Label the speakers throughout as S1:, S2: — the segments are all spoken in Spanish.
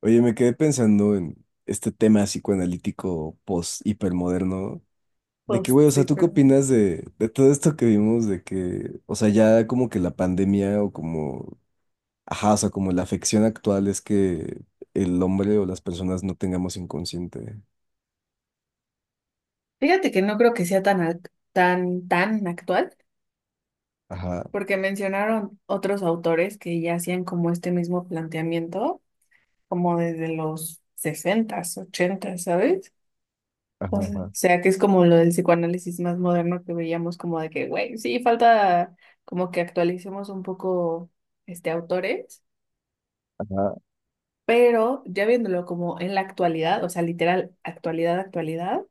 S1: Oye, me quedé pensando en este tema psicoanalítico post-hipermoderno. De que,
S2: Post,
S1: güey, o sea,
S2: sí,
S1: ¿tú qué
S2: pero
S1: opinas de todo esto que vimos? De que, o sea, ya como que la pandemia o como, ajá, o sea, como la afección actual es que el hombre o las personas no tengamos inconsciente.
S2: fíjate que no creo que sea tan actual,
S1: Ajá,
S2: porque mencionaron otros autores que ya hacían como este mismo planteamiento, como desde los sesentas ochentas, ¿sabes?
S1: ajá,
S2: O sea, o
S1: ajá,
S2: sea, que es como lo del psicoanálisis más moderno que veíamos como de que, güey, sí, falta como que actualicemos un poco este autores,
S1: ajá.
S2: pero ya viéndolo como en la actualidad, o sea, literal, actualidad, actualidad.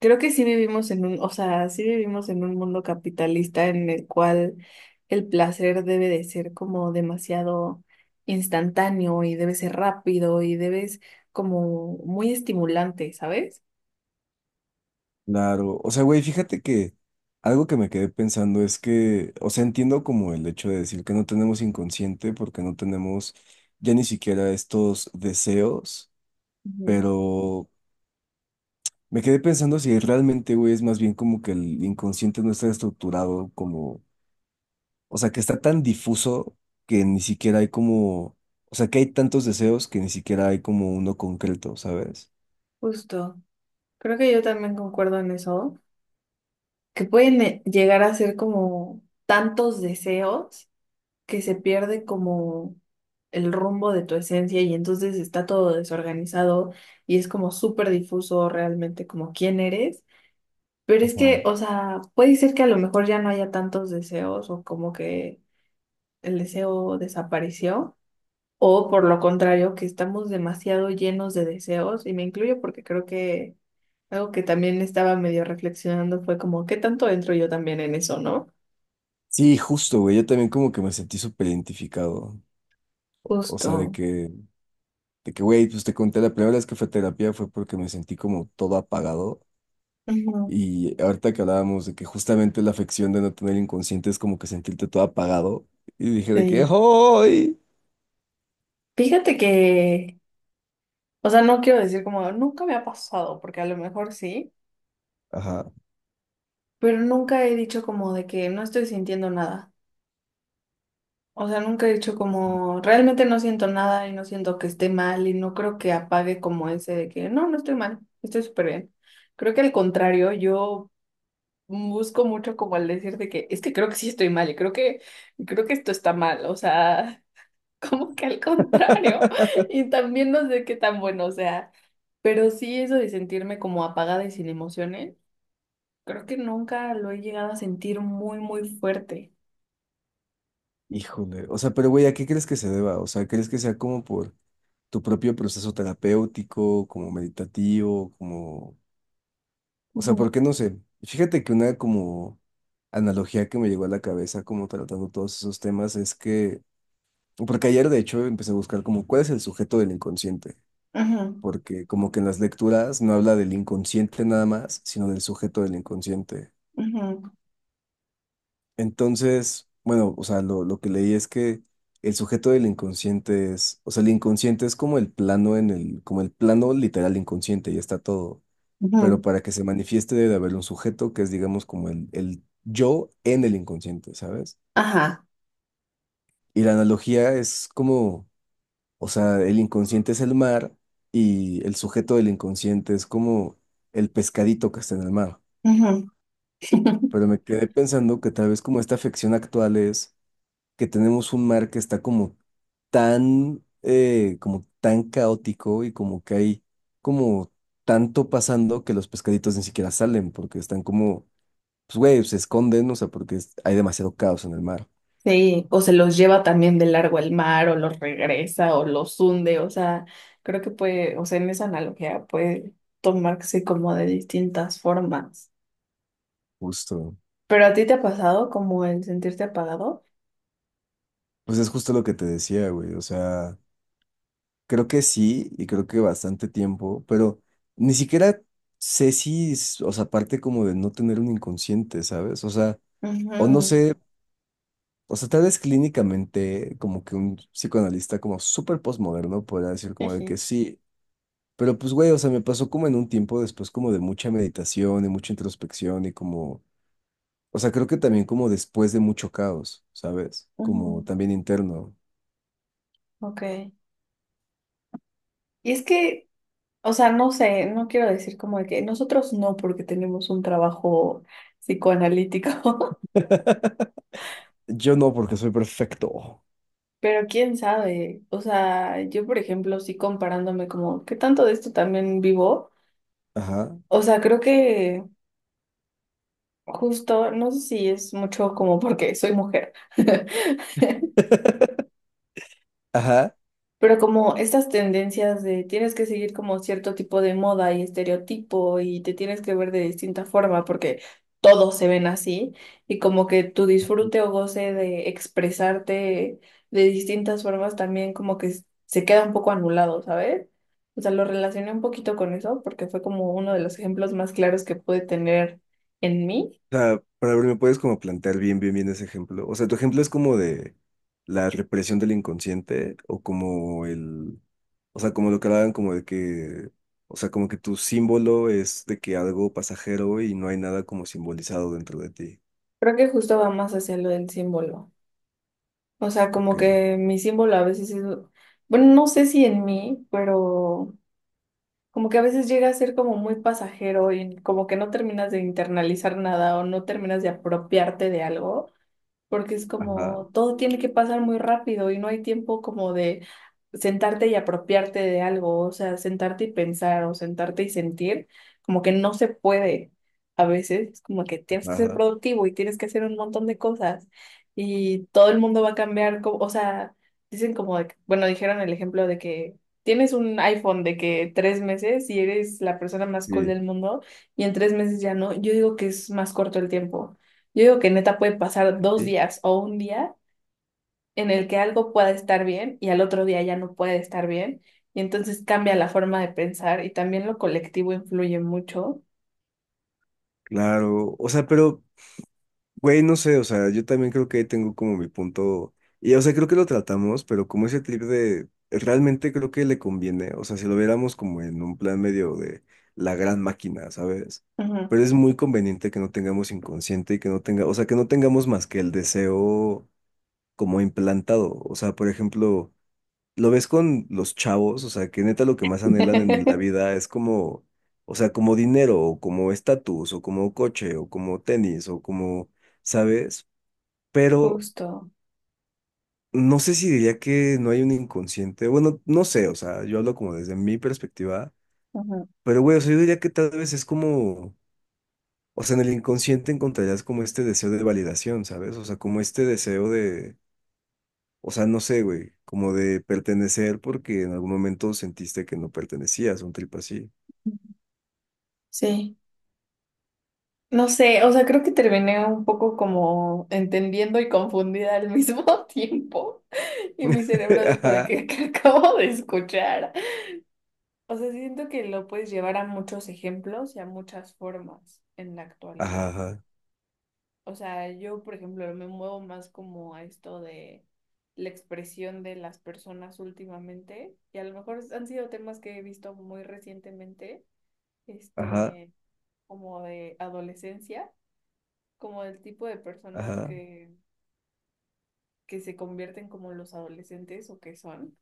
S2: Creo que sí vivimos en un, o sea, sí vivimos en un mundo capitalista en el cual el placer debe de ser como demasiado instantáneo y debe ser rápido y debes como muy estimulante, ¿sabes?
S1: Claro. O sea, güey, fíjate que algo que me quedé pensando es que, o sea, entiendo como el hecho de decir que no tenemos inconsciente porque no tenemos ya ni siquiera estos deseos.
S2: Ujú.
S1: Pero me quedé pensando si realmente, güey, es más bien como que el inconsciente no está estructurado como, o sea, que está tan difuso que ni siquiera hay como, o sea, que hay tantos deseos que ni siquiera hay como uno concreto, ¿sabes?
S2: Justo. Creo que yo también concuerdo en eso, que pueden llegar a ser como tantos deseos que se pierde como el rumbo de tu esencia y entonces está todo desorganizado y es como súper difuso realmente como quién eres. Pero es que, o sea, puede ser que a lo mejor ya no haya tantos deseos o como que el deseo desapareció o por lo contrario, que estamos demasiado llenos de deseos y me incluyo porque creo que algo que también estaba medio reflexionando fue como, ¿qué tanto entro yo también en eso, no?
S1: Sí, justo, güey, yo también como que me sentí súper identificado. O sea, de
S2: Justo.
S1: que, de que, güey, pues te conté la primera vez que fue a terapia fue porque me sentí como todo apagado.
S2: Ujú.
S1: Y ahorita que hablábamos de que justamente la afección de no tener inconsciente es como que sentirte todo apagado. Y dije de que,
S2: Sí.
S1: ¡ay!
S2: Fíjate que o sea, no quiero decir como nunca me ha pasado, porque a lo mejor sí,
S1: Ajá,
S2: pero nunca he dicho como de que no estoy sintiendo nada. O sea, nunca he dicho como realmente no siento nada y no siento que esté mal y no creo que apague como ese de que no, no estoy mal, estoy súper bien. Creo que al contrario, yo busco mucho como al decir de que es que creo que sí estoy mal y creo que esto está mal. O sea, como que al contrario. Y también no sé qué tan bueno, o sea, pero sí eso de sentirme como apagada y sin emociones. Creo que nunca lo he llegado a sentir muy, muy fuerte.
S1: híjole. O sea, pero güey, ¿a qué crees que se deba? O sea, ¿crees que sea como por tu propio proceso terapéutico, como meditativo, como... o sea,
S2: Ujú.
S1: por qué no sé? Fíjate que una como analogía que me llegó a la cabeza como tratando todos esos temas es que... Porque ayer de hecho empecé a buscar como cuál es el sujeto del inconsciente,
S2: Ujú,
S1: porque como que en las lecturas no habla del inconsciente nada más, sino del sujeto del inconsciente.
S2: ujú,
S1: Entonces, bueno, o sea, lo que leí es que el sujeto del inconsciente es, o sea, el inconsciente es como el plano en el, como el plano literal inconsciente, y está todo. Pero
S2: ujú.
S1: para que se manifieste debe de haber un sujeto que es, digamos, como el yo en el inconsciente, ¿sabes?
S2: Ajá.
S1: Y la analogía es como, o sea, el inconsciente es el mar y el sujeto del inconsciente es como el pescadito que está en el mar.
S2: Ujú.
S1: Pero me quedé pensando que tal vez como esta afección actual es que tenemos un mar que está como tan caótico y como que hay como tanto pasando que los pescaditos ni siquiera salen porque están como, pues güey, se esconden, o sea, porque es- hay demasiado caos en el mar.
S2: Sí, o se los lleva también de largo el mar, o los regresa, o los hunde, o sea, creo que puede, o sea, en esa analogía puede tomarse como de distintas formas.
S1: Justo.
S2: ¿Pero a ti te ha pasado como el sentirte apagado?
S1: Pues es justo lo que te decía, güey. O sea, creo que sí y creo que bastante tiempo, pero ni siquiera sé si, es- o sea, aparte como de no tener un inconsciente, ¿sabes? O sea, o no
S2: Ujú,
S1: sé. O sea, tal vez clínicamente, como que un psicoanalista como súper postmoderno podría decir como de que
S2: ujú,
S1: sí, pero pues güey, o sea, me pasó como en un tiempo después como de mucha meditación y mucha introspección y como, o sea, creo que también como después de mucho caos, ¿sabes?
S2: ujú.
S1: Como también interno.
S2: Ok. Y es que o sea, no sé, no quiero decir como de que nosotros no, porque tenemos un trabajo psicoanalítico,
S1: Yo no, porque soy perfecto.
S2: pero quién sabe. O sea, yo, por ejemplo, sí comparándome como, ¿qué tanto de esto también vivo?
S1: Ajá,
S2: O sea, creo que justo, no sé si es mucho como porque soy mujer,
S1: ajá.
S2: pero como estas tendencias de tienes que seguir como cierto tipo de moda y estereotipo y te tienes que ver de distinta forma porque todos se ven así y como que tu disfrute o goce de expresarte de distintas formas también como que se queda un poco anulado, ¿sabes? O sea, lo relacioné un poquito con eso porque fue como uno de los ejemplos más claros que pude tener en mí.
S1: O sea, para ver, ¿me puedes como plantear bien, bien, bien ese ejemplo? O sea, tu ejemplo es como de la represión del inconsciente o como el, o sea, como lo que hablaban como de que, o sea, como que tu símbolo es de que algo pasajero y no hay nada como simbolizado dentro de ti.
S2: Creo que justo va más hacia lo del símbolo. O sea,
S1: Ok.
S2: como que mi símbolo a veces es, bueno, no sé si en mí, pero como que a veces llega a ser como muy pasajero y como que no terminas de internalizar nada o no terminas de apropiarte de algo porque es
S1: Ajá,
S2: como todo tiene que pasar muy rápido y no hay tiempo como de sentarte y apropiarte de algo, o sea, sentarte y pensar o sentarte y sentir, como que no se puede a veces, es como que tienes que
S1: ajá.
S2: ser
S1: Ajá.
S2: productivo y tienes que hacer un montón de cosas y todo el mundo va a cambiar, o sea, dicen como, bueno, dijeron el ejemplo de que… Tienes un iPhone de que 3 meses y eres la persona más cool
S1: Sí,
S2: del mundo y en 3 meses ya no. Yo digo que es más corto el tiempo. Yo digo que neta puede pasar dos
S1: sí,
S2: días o un día en el que algo pueda estar bien y al otro día ya no puede estar bien. Y entonces cambia la forma de pensar y también lo colectivo influye mucho.
S1: claro. O sea, pero... güey, no sé, o sea, yo también creo que ahí tengo como mi punto, y o sea, creo que lo tratamos, pero como ese trip de, realmente creo que le conviene, o sea, si lo viéramos como en un plan medio de la gran máquina, ¿sabes?
S2: Ujú.
S1: Pero es muy conveniente que no tengamos inconsciente y que no tenga, o sea, que no tengamos más que el deseo como implantado, o sea, por ejemplo, lo ves con los chavos, o sea, que neta lo que más anhelan en la vida es como, o sea, como dinero, o como estatus, o como coche, o como tenis, o como... ¿Sabes? Pero
S2: Justo.
S1: no sé si diría que no hay un inconsciente. Bueno, no sé, o sea, yo hablo como desde mi perspectiva,
S2: Ujú.
S1: pero güey, o sea, yo diría que tal vez es como, o sea, en el inconsciente encontrarías como este deseo de validación, ¿sabes? O sea, como este deseo de, o sea, no sé, güey, como de pertenecer porque en algún momento sentiste que no pertenecías, un trip así.
S2: Sí. No sé, o sea, creo que terminé un poco como entendiendo y confundida al mismo tiempo. Y mi cerebro dijo de
S1: Ajá,
S2: que, que acabo de escuchar. O sea, siento que lo puedes llevar a muchos ejemplos y a muchas formas en la actualidad.
S1: ajá,
S2: O sea, yo, por ejemplo, me muevo más como a esto de la expresión de las personas últimamente, y a lo mejor han sido temas que he visto muy recientemente,
S1: ajá,
S2: este, como de adolescencia, como del tipo de personas
S1: ajá,
S2: que se convierten como los adolescentes o que son,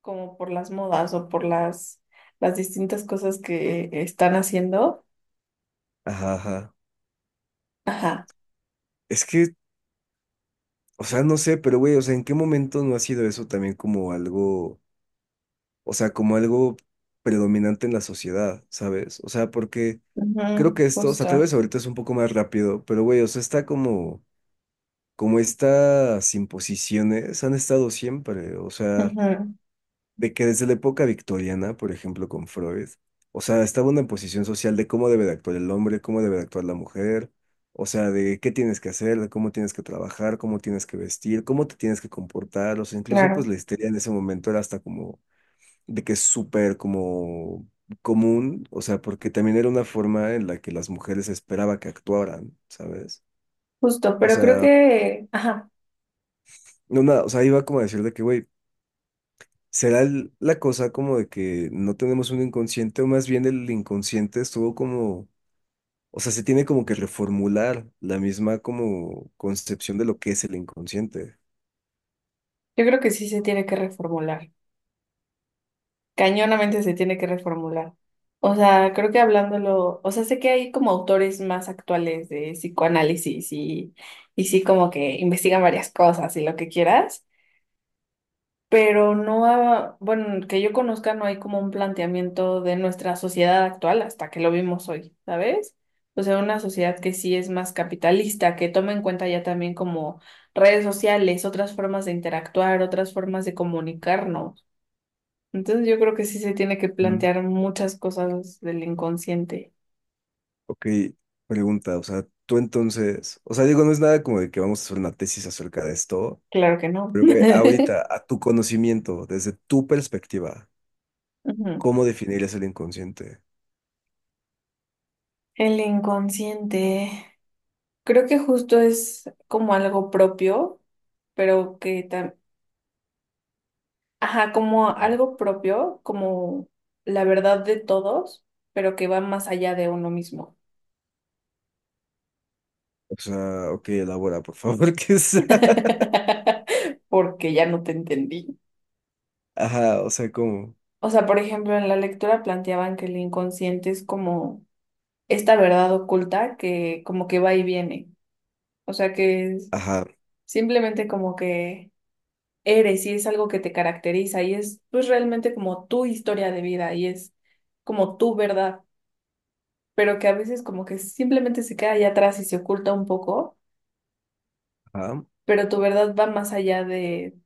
S2: como por las modas o por las distintas cosas que están haciendo.
S1: ajá, ajá.
S2: Ajá,
S1: Es que, o sea, no sé, pero güey, o sea, ¿en qué momento no ha sido eso también como algo? O sea, como algo predominante en la sociedad, ¿sabes? O sea, porque creo
S2: ujú,
S1: que esto, o sea, tal
S2: justo,
S1: vez ahorita es un poco más rápido, pero güey, o sea, está como, como estas imposiciones han estado siempre, o sea,
S2: ujú,
S1: de que desde la época victoriana, por ejemplo, con Freud, o sea, estaba una imposición social de cómo debe de actuar el hombre, cómo debe de actuar la mujer. O sea, de qué tienes que hacer, de cómo tienes que trabajar, cómo tienes que vestir, cómo te tienes que comportar. O sea, incluso
S2: claro,
S1: pues la histeria en ese momento era hasta como de que es súper como común, o sea, porque también era una forma en la que las mujeres esperaba que actuaran, ¿sabes?
S2: justo,
S1: O
S2: pero creo
S1: sea,
S2: que, ajá.
S1: no, nada, o sea, iba como a decir de que, güey, será el- la cosa como de que no tenemos un inconsciente, o más bien el inconsciente estuvo como, o sea, se tiene como que reformular la misma como concepción de lo que es el inconsciente.
S2: Yo creo que sí se tiene que reformular. Cañonamente se tiene que reformular. O sea, creo que hablándolo, o sea, sé que hay como autores más actuales de psicoanálisis y sí como que investigan varias cosas y lo que quieras, pero no, bueno, que yo conozca no hay como un planteamiento de nuestra sociedad actual hasta que lo vimos hoy, ¿sabes? O sea, una sociedad que sí es más capitalista, que toma en cuenta ya también como redes sociales, otras formas de interactuar, otras formas de comunicarnos. Entonces yo creo que sí se tiene que
S1: Mm.
S2: plantear muchas cosas del inconsciente.
S1: Ok, pregunta, o sea, tú entonces, o sea, digo, no es nada como de que vamos a hacer una tesis acerca de esto,
S2: Claro que no.
S1: pero güey, ahorita, a tu conocimiento, desde tu perspectiva,
S2: Ujú.
S1: ¿cómo definirías el inconsciente?
S2: El inconsciente creo que justo es como algo propio, pero que también, ajá, como algo propio, como la verdad de todos, pero que va más allá de uno mismo.
S1: O sea, ok, elabora, por favor, ¿qué es?
S2: Porque ya no te entendí.
S1: Ajá, o sea, ¿cómo?
S2: O sea, por ejemplo, en la lectura planteaban que el inconsciente es como esta verdad oculta que como que va y viene. O sea que es
S1: Ajá,
S2: simplemente como que eres y es algo que te caracteriza y es pues realmente como tu historia de vida y es como tu verdad, pero que a veces como que simplemente se queda allá atrás y se oculta un poco,
S1: ajá,
S2: pero tu verdad va más allá de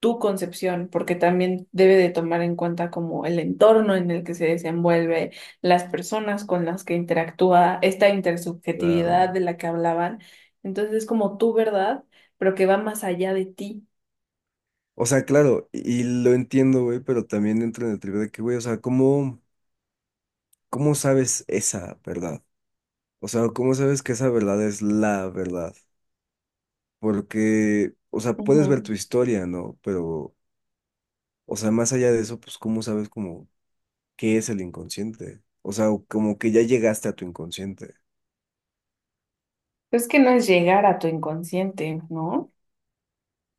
S2: tu concepción, porque también debe de tomar en cuenta como el entorno en el que se desenvuelve, las personas con las que interactúa, esta intersubjetividad
S1: claro.
S2: de la que hablaban. Entonces es como tu verdad, pero que va más allá de ti.
S1: O sea, claro, y lo entiendo, güey, pero también entro en el trivio de que, güey, o sea, ¿cómo, cómo sabes esa verdad? O sea, ¿cómo sabes que esa verdad es la verdad? Porque, o sea, puedes
S2: Ujú.
S1: ver tu historia, ¿no? Pero, o sea, más allá de eso, pues, ¿cómo sabes cómo? ¿Qué es el inconsciente? O sea, como que ya llegaste a tu inconsciente.
S2: Es que no es llegar a tu inconsciente, ¿no?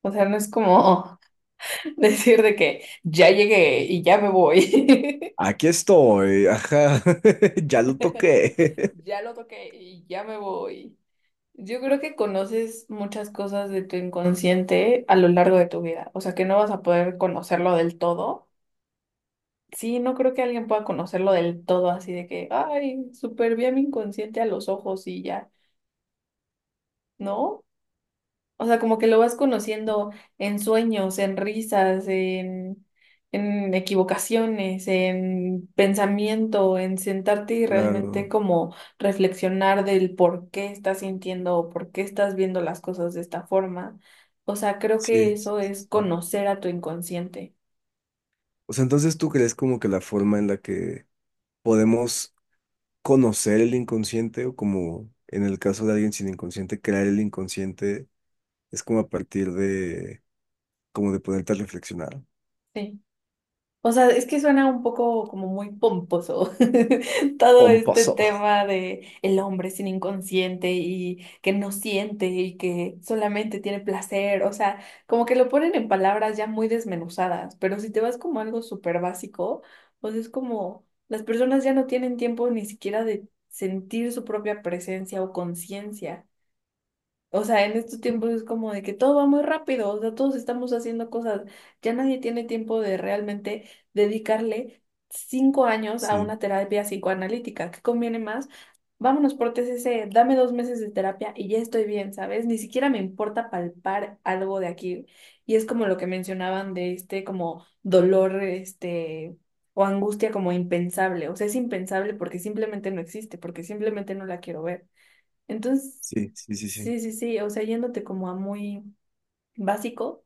S2: O sea, no es como decir de que ya llegué y ya me voy.
S1: Aquí estoy, ajá, ya lo toqué.
S2: Ya lo toqué y ya me voy. Yo creo que conoces muchas cosas de tu inconsciente a lo largo de tu vida. O sea, que no vas a poder conocerlo del todo. Sí, no creo que alguien pueda conocerlo del todo así de que, ay, súper bien mi inconsciente a los ojos y ya. No, o sea, como que lo vas conociendo en sueños, en risas, en, equivocaciones, en pensamiento, en sentarte y realmente
S1: Claro,
S2: como reflexionar del por qué estás sintiendo o por qué estás viendo las cosas de esta forma. O sea, creo que
S1: sí, sí,
S2: eso es
S1: sí. Sí.
S2: conocer a tu inconsciente.
S1: O sea, entonces tú crees como que la forma en la que podemos conocer el inconsciente o como en el caso de alguien sin inconsciente, crear el inconsciente es como a partir de, como de ponerte a reflexionar.
S2: Sí. O sea, es que suena un poco como muy pomposo todo este
S1: Pomposo.
S2: tema de el hombre sin inconsciente y que no siente y que solamente tiene placer. O sea, como que lo ponen en palabras ya muy desmenuzadas, pero si te vas como algo súper básico, pues es como las personas ya no tienen tiempo ni siquiera de sentir su propia presencia o conciencia. O sea, en estos tiempos es como de que todo va muy rápido, o sea, todos estamos haciendo cosas, ya nadie tiene tiempo de realmente dedicarle 5 años a
S1: Sí,
S2: una terapia psicoanalítica. ¿Qué conviene más? Vámonos por TCC, dame 2 meses de terapia y ya estoy bien, ¿sabes? Ni siquiera me importa palpar algo de aquí. Y es como lo que mencionaban de este como dolor, este, o angustia como impensable. O sea, es impensable porque simplemente no existe, porque simplemente no la quiero ver. Entonces,
S1: sí, sí, sí, sí.
S2: sí, sí, sí, o sea, yéndote como a muy básico,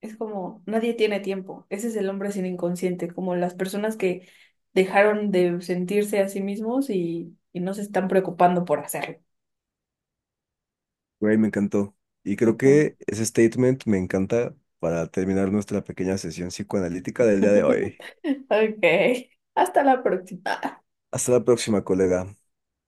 S2: es como nadie tiene tiempo. Ese es el hombre sin inconsciente, como las personas que dejaron de sentirse a sí mismos y no se están preocupando por hacerlo.
S1: Güey, me encantó. Y creo
S2: Ujú.
S1: que ese statement me encanta para terminar nuestra pequeña sesión psicoanalítica del día de hoy.
S2: Ok, hasta la próxima.
S1: Hasta la próxima, colega.